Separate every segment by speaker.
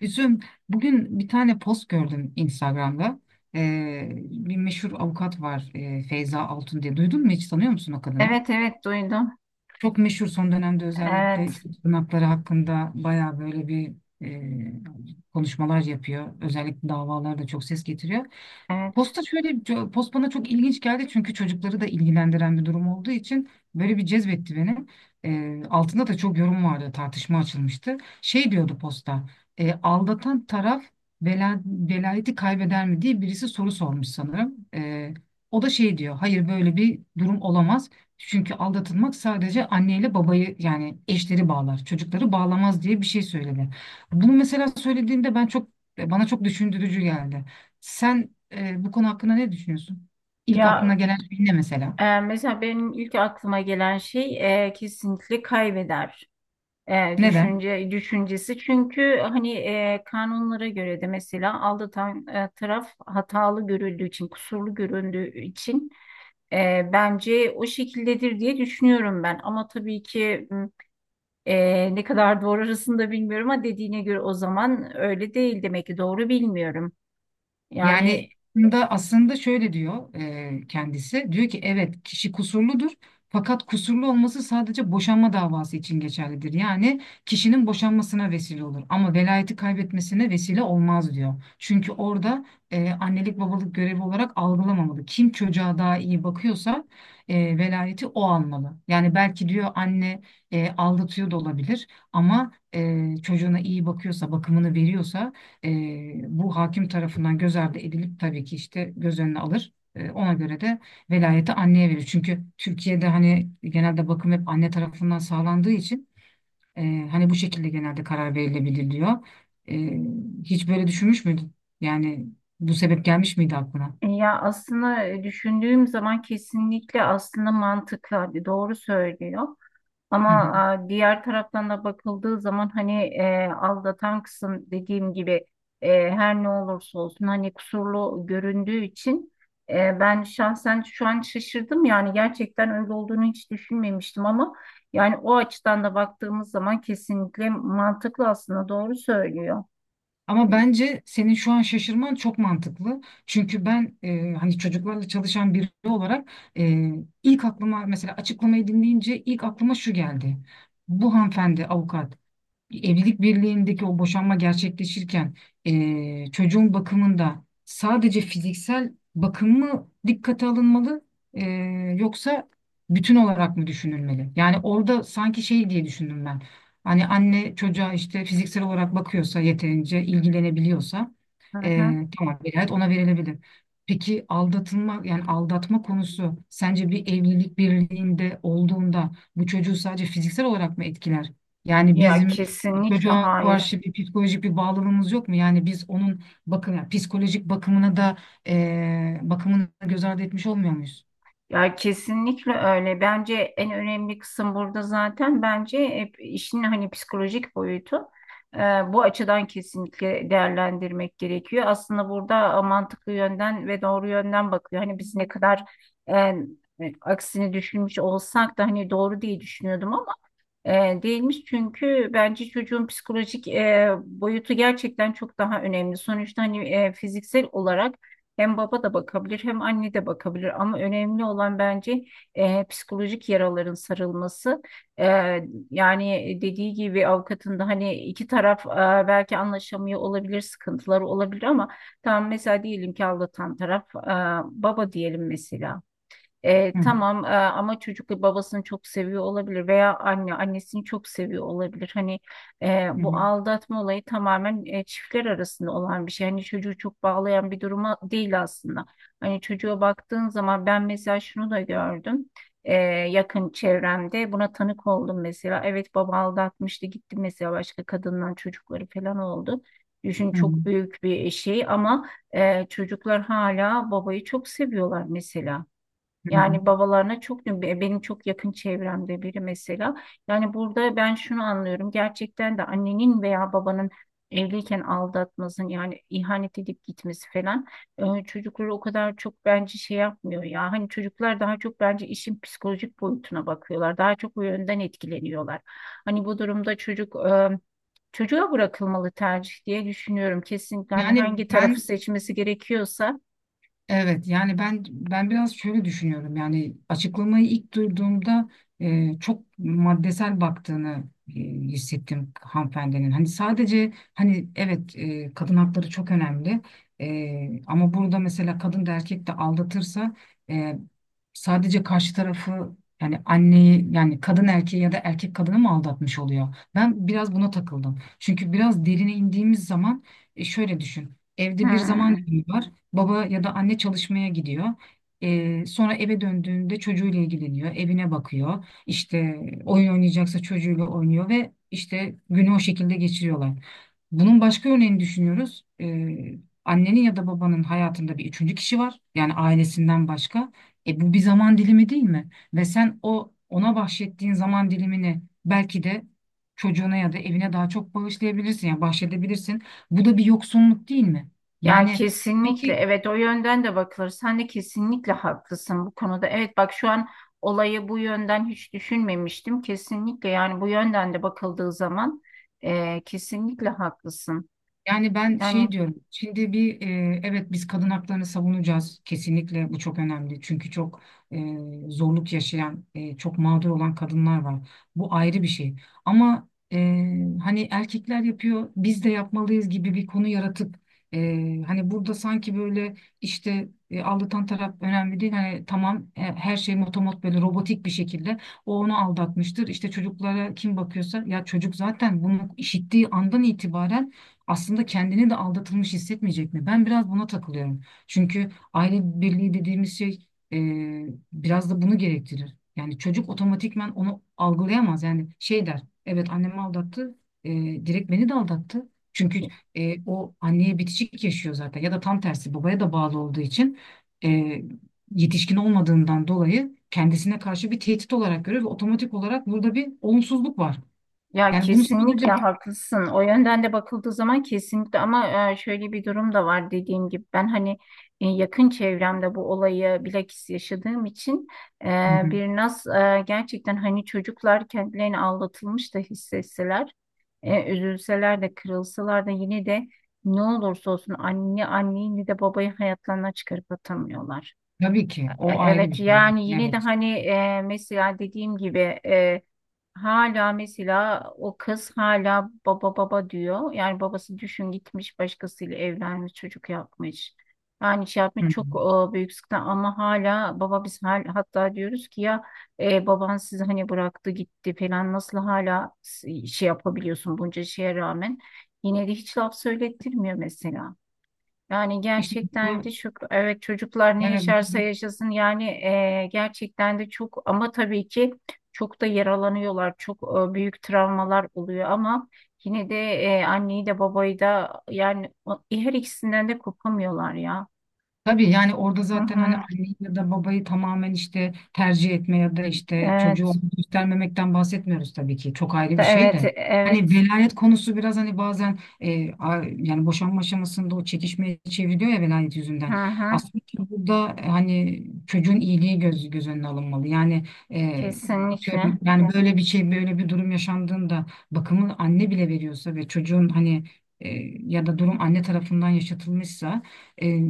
Speaker 1: Üzüm. Bugün bir tane post gördüm Instagram'da. Bir meşhur avukat var, Feyza Altun diye. Duydun mu, hiç tanıyor musun o kadını?
Speaker 2: Evet, evet, duydum.
Speaker 1: Çok meşhur son dönemde, özellikle
Speaker 2: Evet,
Speaker 1: işte tırnakları hakkında baya böyle bir konuşmalar yapıyor. Özellikle davalarda çok ses getiriyor.
Speaker 2: evet.
Speaker 1: Posta şöyle post bana çok ilginç geldi, çünkü çocukları da ilgilendiren bir durum olduğu için böyle bir cezbetti beni. Altında da çok yorum vardı, tartışma açılmıştı. Şey diyordu posta, aldatan taraf velayeti kaybeder mi diye birisi soru sormuş sanırım. O da şey diyor, hayır böyle bir durum olamaz. Çünkü aldatılmak sadece anneyle babayı yani eşleri bağlar, çocukları bağlamaz diye bir şey söyledi. Bunu mesela söylediğinde ben çok bana çok düşündürücü geldi. Sen bu konu hakkında ne düşünüyorsun? İlk aklına
Speaker 2: Ya,
Speaker 1: gelen şey ne mesela?
Speaker 2: mesela benim ilk aklıma gelen şey, kesinlikle kaybeder
Speaker 1: Neden?
Speaker 2: düşünce düşüncesi. Çünkü hani, kanunlara göre de mesela aldatan taraf hatalı görüldüğü için, kusurlu göründüğü için, bence o şekildedir diye düşünüyorum ben. Ama tabii ki ne kadar doğru arasında bilmiyorum ama dediğine göre o zaman öyle değil demek ki, doğru bilmiyorum.
Speaker 1: Yani
Speaker 2: Yani,
Speaker 1: da aslında şöyle diyor kendisi. Diyor ki evet, kişi kusurludur fakat kusurlu olması sadece boşanma davası için geçerlidir. Yani kişinin boşanmasına vesile olur ama velayeti kaybetmesine vesile olmaz diyor. Çünkü orada annelik babalık görevi olarak algılamamalı. Kim çocuğa daha iyi bakıyorsa velayeti o almalı. Yani belki diyor anne aldatıyor da olabilir ama çocuğuna iyi bakıyorsa, bakımını veriyorsa bu hakim tarafından göz ardı edilip tabii ki işte göz önüne alır. Ona göre de velayeti anneye verir. Çünkü Türkiye'de hani genelde bakım hep anne tarafından sağlandığı için e, hani bu şekilde genelde karar verilebililiyor. E, Hiç böyle düşünmüş müydün? Yani bu sebep gelmiş miydi aklına?
Speaker 2: ya aslında, düşündüğüm zaman kesinlikle aslında mantıklı, hadi doğru söylüyor. Ama
Speaker 1: Hı hı.
Speaker 2: diğer taraftan da bakıldığı zaman, hani, aldatan kısım dediğim gibi, her ne olursa olsun, hani kusurlu göründüğü için, ben şahsen şu an şaşırdım, yani gerçekten öyle olduğunu hiç düşünmemiştim ama yani o açıdan da baktığımız zaman kesinlikle mantıklı, aslında doğru söylüyor.
Speaker 1: Ama bence senin şu an şaşırman çok mantıklı. Çünkü ben, hani çocuklarla çalışan biri olarak, e, ilk aklıma mesela açıklamayı dinleyince ilk aklıma şu geldi. Bu hanımefendi avukat, evlilik birliğindeki o boşanma gerçekleşirken çocuğun bakımında sadece fiziksel bakım mı dikkate alınmalı, yoksa bütün olarak mı düşünülmeli? Yani orada sanki şey diye düşündüm ben. Hani anne çocuğa işte fiziksel olarak bakıyorsa, yeterince ilgilenebiliyorsa
Speaker 2: Hı hı.
Speaker 1: tamam, velayet ona verilebilir. Peki aldatılma, yani aldatma konusu sence bir evlilik birliğinde olduğunda bu çocuğu sadece fiziksel olarak mı etkiler? Yani
Speaker 2: Ya
Speaker 1: bizim
Speaker 2: kesinlikle
Speaker 1: çocuğa
Speaker 2: hayır.
Speaker 1: karşı bir psikolojik bir bağlılığımız yok mu? Yani biz onun yani psikolojik bakımına da bakımını göz ardı etmiş olmuyor muyuz?
Speaker 2: Ya kesinlikle öyle. Bence en önemli kısım burada, zaten bence hep işin hani psikolojik boyutu. Ee, Bu açıdan kesinlikle değerlendirmek gerekiyor. Aslında burada mantıklı yönden ve doğru yönden bakıyor. Hani biz ne kadar e, aksini düşünmüş olsak da hani doğru diye düşünüyordum, e, değilmiş. Çünkü bence çocuğun psikolojik, boyutu gerçekten çok daha önemli. Sonuçta hani, fiziksel olarak hem baba da bakabilir, hem anne de bakabilir, ama önemli olan bence, psikolojik yaraların sarılması. E, Yani dediği gibi avukatın da, hani iki taraf belki anlaşamıyor olabilir, sıkıntıları olabilir ama tam mesela diyelim ki aldatan taraf, baba diyelim mesela.
Speaker 1: Hı hı,
Speaker 2: Tamam ama çocuk babasını çok seviyor olabilir veya anne annesini çok seviyor olabilir. Hani,
Speaker 1: hı
Speaker 2: bu
Speaker 1: hı,
Speaker 2: aldatma olayı tamamen çiftler arasında olan bir şey. Hani çocuğu çok bağlayan bir duruma değil aslında. Hani çocuğa baktığın zaman ben mesela şunu da gördüm. e, Yakın çevremde buna tanık oldum mesela. Evet, baba aldatmıştı, gitti mesela, başka kadından çocukları falan oldu. Düşün,
Speaker 1: hı hı,
Speaker 2: çok büyük bir şey ama, çocuklar hala babayı çok seviyorlar mesela.
Speaker 1: hı hı.
Speaker 2: Yani babalarına çok, benim çok yakın çevremde biri mesela. Yani burada ben şunu anlıyorum. Gerçekten de annenin veya babanın evliyken aldatmasın, yani ihanet edip gitmesi falan, çocukları o kadar çok bence şey yapmıyor ya. Hani çocuklar daha çok bence işin psikolojik boyutuna bakıyorlar. Daha çok bu yönden etkileniyorlar. Hani bu durumda çocuk, çocuğa bırakılmalı tercih diye düşünüyorum. Kesinlikle, hani
Speaker 1: Yani
Speaker 2: hangi
Speaker 1: ben
Speaker 2: tarafı seçmesi gerekiyorsa.
Speaker 1: Evet yani ben biraz şöyle düşünüyorum, yani açıklamayı ilk duyduğumda çok maddesel baktığını hissettim hanımefendinin. Hani sadece hani evet, kadın hakları çok önemli. Ama burada mesela kadın da erkek de aldatırsa e, sadece karşı tarafı, yani anneyi, yani kadın erkeği ya da erkek kadını mı aldatmış oluyor? Ben biraz buna takıldım. Çünkü biraz derine indiğimiz zaman, şöyle düşün. Evde bir zaman
Speaker 2: Hmm.
Speaker 1: dilimi var. Baba ya da anne çalışmaya gidiyor. Sonra eve döndüğünde çocuğuyla ilgileniyor, evine bakıyor. İşte oyun oynayacaksa çocuğuyla oynuyor ve işte günü o şekilde geçiriyorlar. Bunun başka örneğini düşünüyoruz. Annenin ya da babanın hayatında bir üçüncü kişi var. Yani ailesinden başka. Bu bir zaman dilimi değil mi? Ve sen ona bahşettiğin zaman dilimini belki de çocuğuna ya da evine daha çok bağışlayabilirsin. Yani bahşedebilirsin. Bu da bir yoksunluk değil mi?
Speaker 2: Ya
Speaker 1: Yani
Speaker 2: kesinlikle,
Speaker 1: peki,
Speaker 2: evet, o yönden de bakılır. Sen de kesinlikle haklısın bu konuda. Evet, bak şu an olayı bu yönden hiç düşünmemiştim. Kesinlikle, yani bu yönden de bakıldığı zaman kesinlikle haklısın.
Speaker 1: yani ben
Speaker 2: Yani
Speaker 1: şey diyorum. Şimdi bir, evet, biz kadın haklarını savunacağız. Kesinlikle bu çok önemli. Çünkü çok e, zorluk yaşayan, çok mağdur olan kadınlar var. Bu ayrı bir şey. Ama hani erkekler yapıyor, biz de yapmalıyız gibi bir konu yaratıp hani burada sanki böyle işte aldatan taraf önemli değil. Hani tamam, her şey motomot böyle robotik bir şekilde onu aldatmıştır. İşte çocuklara kim bakıyorsa, ya çocuk zaten bunu işittiği andan itibaren aslında kendini de aldatılmış hissetmeyecek mi? Ben biraz buna takılıyorum. Çünkü aile birliği dediğimiz şey, e, biraz da bunu gerektirir. Yani çocuk otomatikman onu algılayamaz. Yani şey der, evet annemi aldattı, e, direkt beni de aldattı. Çünkü o anneye bitişik yaşıyor zaten, ya da tam tersi, babaya da bağlı olduğu için e, yetişkin olmadığından dolayı kendisine karşı bir tehdit olarak görüyor ve otomatik olarak burada bir olumsuzluk var.
Speaker 2: ya
Speaker 1: Yani bunu
Speaker 2: kesinlikle
Speaker 1: sadece...
Speaker 2: haklısın. O yönden de bakıldığı zaman kesinlikle, ama şöyle bir durum da var dediğim gibi. Ben hani, yakın çevremde bu olayı bilakis yaşadığım için, e,
Speaker 1: Hı hı.
Speaker 2: gerçekten hani çocuklar kendilerini aldatılmış da hissetseler, üzülseler de, kırılsalar da, yine de ne olursa olsun anne, anneyi de babayı hayatlarına çıkarıp atamıyorlar.
Speaker 1: Tabii ki. O ayrı bir
Speaker 2: Evet,
Speaker 1: şey.
Speaker 2: yani yine de
Speaker 1: Evet.
Speaker 2: hani, mesela dediğim gibi, e, hala mesela o kız hala baba baba diyor. Yani babası düşün, gitmiş başkasıyla evlenmiş, çocuk yapmış. Yani şey yapmış,
Speaker 1: Hı
Speaker 2: çok
Speaker 1: hı.
Speaker 2: büyük sıkıntı ama hala baba, biz hatta diyoruz ki ya, baban sizi hani bıraktı gitti falan, nasıl hala şey yapabiliyorsun bunca şeye rağmen. Yine de hiç laf söylettirmiyor mesela. Yani
Speaker 1: İşte
Speaker 2: gerçekten de
Speaker 1: bu,
Speaker 2: çok, evet, çocuklar ne
Speaker 1: evet.
Speaker 2: yaşarsa yaşasın yani, gerçekten de çok, ama tabii ki çok da yaralanıyorlar, çok büyük travmalar oluyor ama yine de anneyi de babayı da, yani her ikisinden de kopamıyorlar ya.
Speaker 1: Tabii yani orada
Speaker 2: Hı
Speaker 1: zaten hani
Speaker 2: hı.
Speaker 1: anneyi ya da babayı tamamen işte tercih etme ya da işte çocuğu
Speaker 2: Evet.
Speaker 1: ona göstermemekten bahsetmiyoruz tabii ki. Çok ayrı bir şey
Speaker 2: Evet,
Speaker 1: de. Hani
Speaker 2: evet.
Speaker 1: velayet konusu biraz hani bazen yani boşanma aşamasında o çekişmeye çeviriyor ya, velayet
Speaker 2: Hı
Speaker 1: yüzünden.
Speaker 2: hı.
Speaker 1: Aslında burada hani çocuğun iyiliği göz önüne alınmalı. Yani e,
Speaker 2: Kesinlikle.
Speaker 1: atıyorum, yani böyle bir şey, böyle bir durum yaşandığında, bakımı anne bile veriyorsa ve çocuğun hani e, ya da durum anne tarafından yaşatılmışsa, e,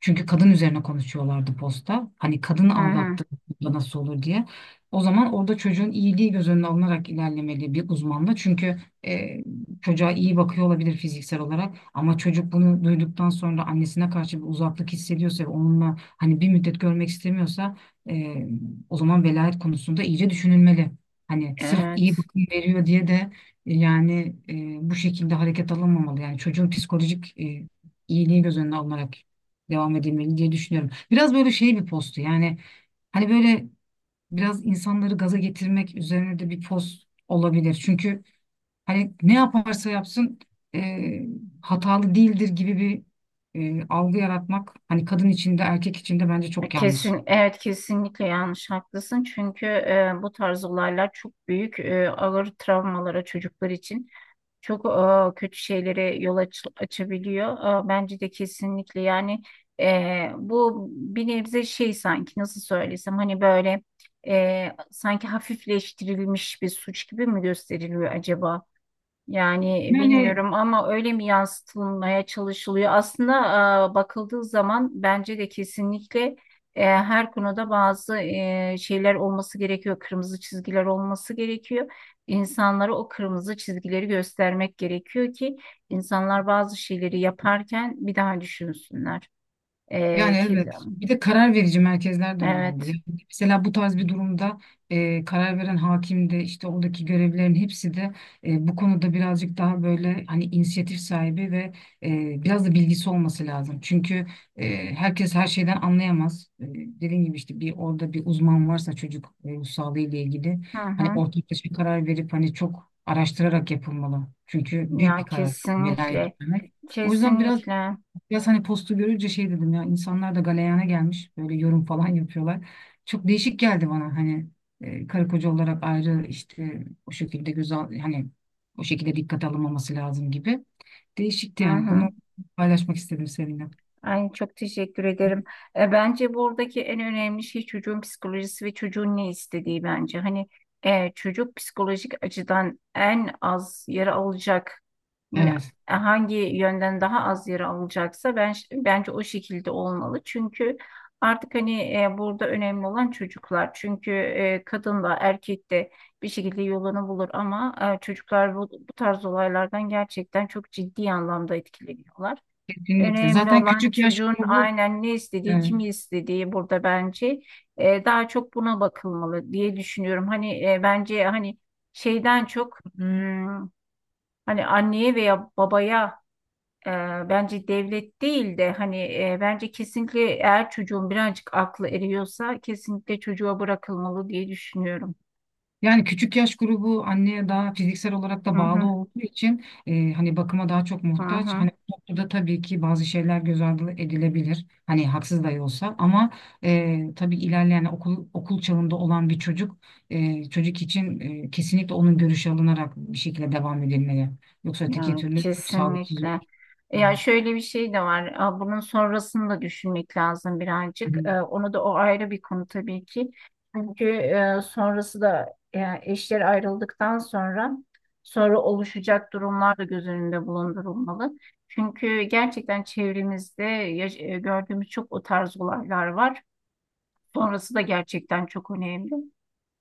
Speaker 1: çünkü kadın üzerine konuşuyorlardı posta. Hani
Speaker 2: Hı
Speaker 1: kadını
Speaker 2: hı.
Speaker 1: aldattı da nasıl olur diye. O zaman orada çocuğun iyiliği göz önüne alınarak ilerlemeli, bir uzmanla. Çünkü e, çocuğa iyi bakıyor olabilir fiziksel olarak, ama çocuk bunu duyduktan sonra annesine karşı bir uzaklık hissediyorsa ve onunla hani bir müddet görmek istemiyorsa, e, o zaman velayet konusunda iyice düşünülmeli. Hani sırf iyi
Speaker 2: Evet.
Speaker 1: bakım veriyor diye de bu şekilde hareket alınmamalı. Yani çocuğun psikolojik iyiliği göz önüne alınarak devam edilmeli diye düşünüyorum. Biraz böyle şey bir postu, yani hani böyle biraz insanları gaza getirmek üzerine de bir post olabilir. Çünkü hani ne yaparsa yapsın e, hatalı değildir gibi bir algı yaratmak, hani kadın içinde erkek içinde bence çok yanlış.
Speaker 2: Kesin, evet, kesinlikle yanlış, haklısın, çünkü bu tarz olaylar çok büyük, ağır travmalara, çocuklar için çok kötü şeylere açabiliyor. Bence de kesinlikle, yani bu bir nebze şey, sanki nasıl söylesem, hani böyle, sanki hafifleştirilmiş bir suç gibi mi gösteriliyor acaba? Yani
Speaker 1: Yani
Speaker 2: bilmiyorum ama öyle mi yansıtılmaya çalışılıyor? Aslında, bakıldığı zaman bence de kesinlikle, her konuda bazı, şeyler olması gerekiyor. Kırmızı çizgiler olması gerekiyor. İnsanlara o kırmızı çizgileri göstermek gerekiyor ki insanlar bazı şeyleri yaparken bir daha düşünsünler.
Speaker 1: Yani
Speaker 2: E, ki,
Speaker 1: evet. Bir de karar verici merkezler de önemli.
Speaker 2: evet.
Speaker 1: Yani mesela bu tarz bir durumda karar veren hakim de, işte oradaki görevlilerin hepsi de bu konuda birazcık daha böyle hani inisiyatif sahibi ve biraz da bilgisi olması lazım. Çünkü herkes her şeyden anlayamaz. E, dediğim gibi, işte bir orada bir uzman varsa, çocuk ruh sağlığı ile ilgili
Speaker 2: Hı
Speaker 1: hani
Speaker 2: hı.
Speaker 1: ortaklaşa bir karar verip hani çok araştırarak yapılmalı. Çünkü büyük bir
Speaker 2: Ya
Speaker 1: karar velayet
Speaker 2: kesinlikle.
Speaker 1: vermek. O yüzden biraz,
Speaker 2: Kesinlikle.
Speaker 1: biraz hani postu görünce şey dedim ya, insanlar da galeyana gelmiş, böyle yorum falan yapıyorlar. Çok değişik geldi bana, hani karı koca olarak ayrı, işte o şekilde güzel, hani o şekilde dikkat alınmaması lazım gibi.
Speaker 2: Hı
Speaker 1: Değişikti yani,
Speaker 2: hı.
Speaker 1: bunu paylaşmak istedim seninle.
Speaker 2: Ay, çok teşekkür ederim. Bence buradaki en önemli şey çocuğun psikolojisi ve çocuğun ne istediği bence. Hani, çocuk psikolojik açıdan en az yara alacak, ne-
Speaker 1: Evet,
Speaker 2: hangi yönden daha az yara alacaksa, ben bence o şekilde olmalı. Çünkü artık hani, burada önemli olan çocuklar. Çünkü kadın da erkek de bir şekilde yolunu bulur, ama çocuklar bu tarz olaylardan gerçekten çok ciddi anlamda etkileniyorlar.
Speaker 1: kesinlikle
Speaker 2: Önemli
Speaker 1: zaten
Speaker 2: olan
Speaker 1: küçük yaş
Speaker 2: çocuğun,
Speaker 1: grubu
Speaker 2: aynen, ne
Speaker 1: e,
Speaker 2: istediği, kimi istediği, burada bence daha çok buna bakılmalı diye düşünüyorum. Hani, bence hani şeyden çok, hmm, hani anneye veya babaya, e, bence devlet değil de hani, bence kesinlikle eğer çocuğun birazcık aklı eriyorsa kesinlikle çocuğa bırakılmalı diye düşünüyorum.
Speaker 1: yani küçük yaş grubu anneye daha fiziksel olarak da
Speaker 2: Hı hı,
Speaker 1: bağlı olduğu için hani bakıma daha çok
Speaker 2: hı
Speaker 1: muhtaç.
Speaker 2: hı.
Speaker 1: Hani bu noktada tabii ki bazı şeyler göz ardı edilebilir. Hani haksız da olsa, ama tabii ilerleyen okul çağında olan bir çocuk çocuk için kesinlikle onun görüşü alınarak bir şekilde devam edilmeli. Yoksa
Speaker 2: Ya
Speaker 1: öteki türlü çok sağlıksız olur.
Speaker 2: kesinlikle. Ya
Speaker 1: Evet.
Speaker 2: şöyle bir şey de var. Aa, bunun sonrasını da düşünmek lazım
Speaker 1: Hı
Speaker 2: birazcık.
Speaker 1: hı.
Speaker 2: Onu da, o ayrı bir konu tabii ki. Çünkü sonrası da, yani eşler ayrıldıktan sonra oluşacak durumlar da göz önünde bulundurulmalı. Çünkü gerçekten çevremizde gördüğümüz çok o tarz olaylar var. Sonrası da gerçekten çok önemli.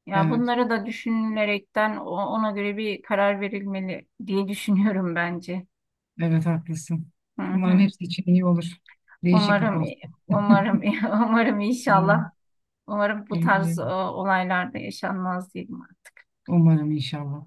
Speaker 2: Ya
Speaker 1: Evet,
Speaker 2: bunları da düşünülerekten ona göre bir karar verilmeli diye düşünüyorum bence.
Speaker 1: evet haklısın.
Speaker 2: Hı
Speaker 1: Umarım
Speaker 2: hı.
Speaker 1: hepsi için iyi olur. Değişik bir
Speaker 2: Umarım,
Speaker 1: post.
Speaker 2: umarım, umarım inşallah. Umarım bu tarz
Speaker 1: Umarım,
Speaker 2: olaylar da yaşanmaz diyeyim.
Speaker 1: umarım inşallah.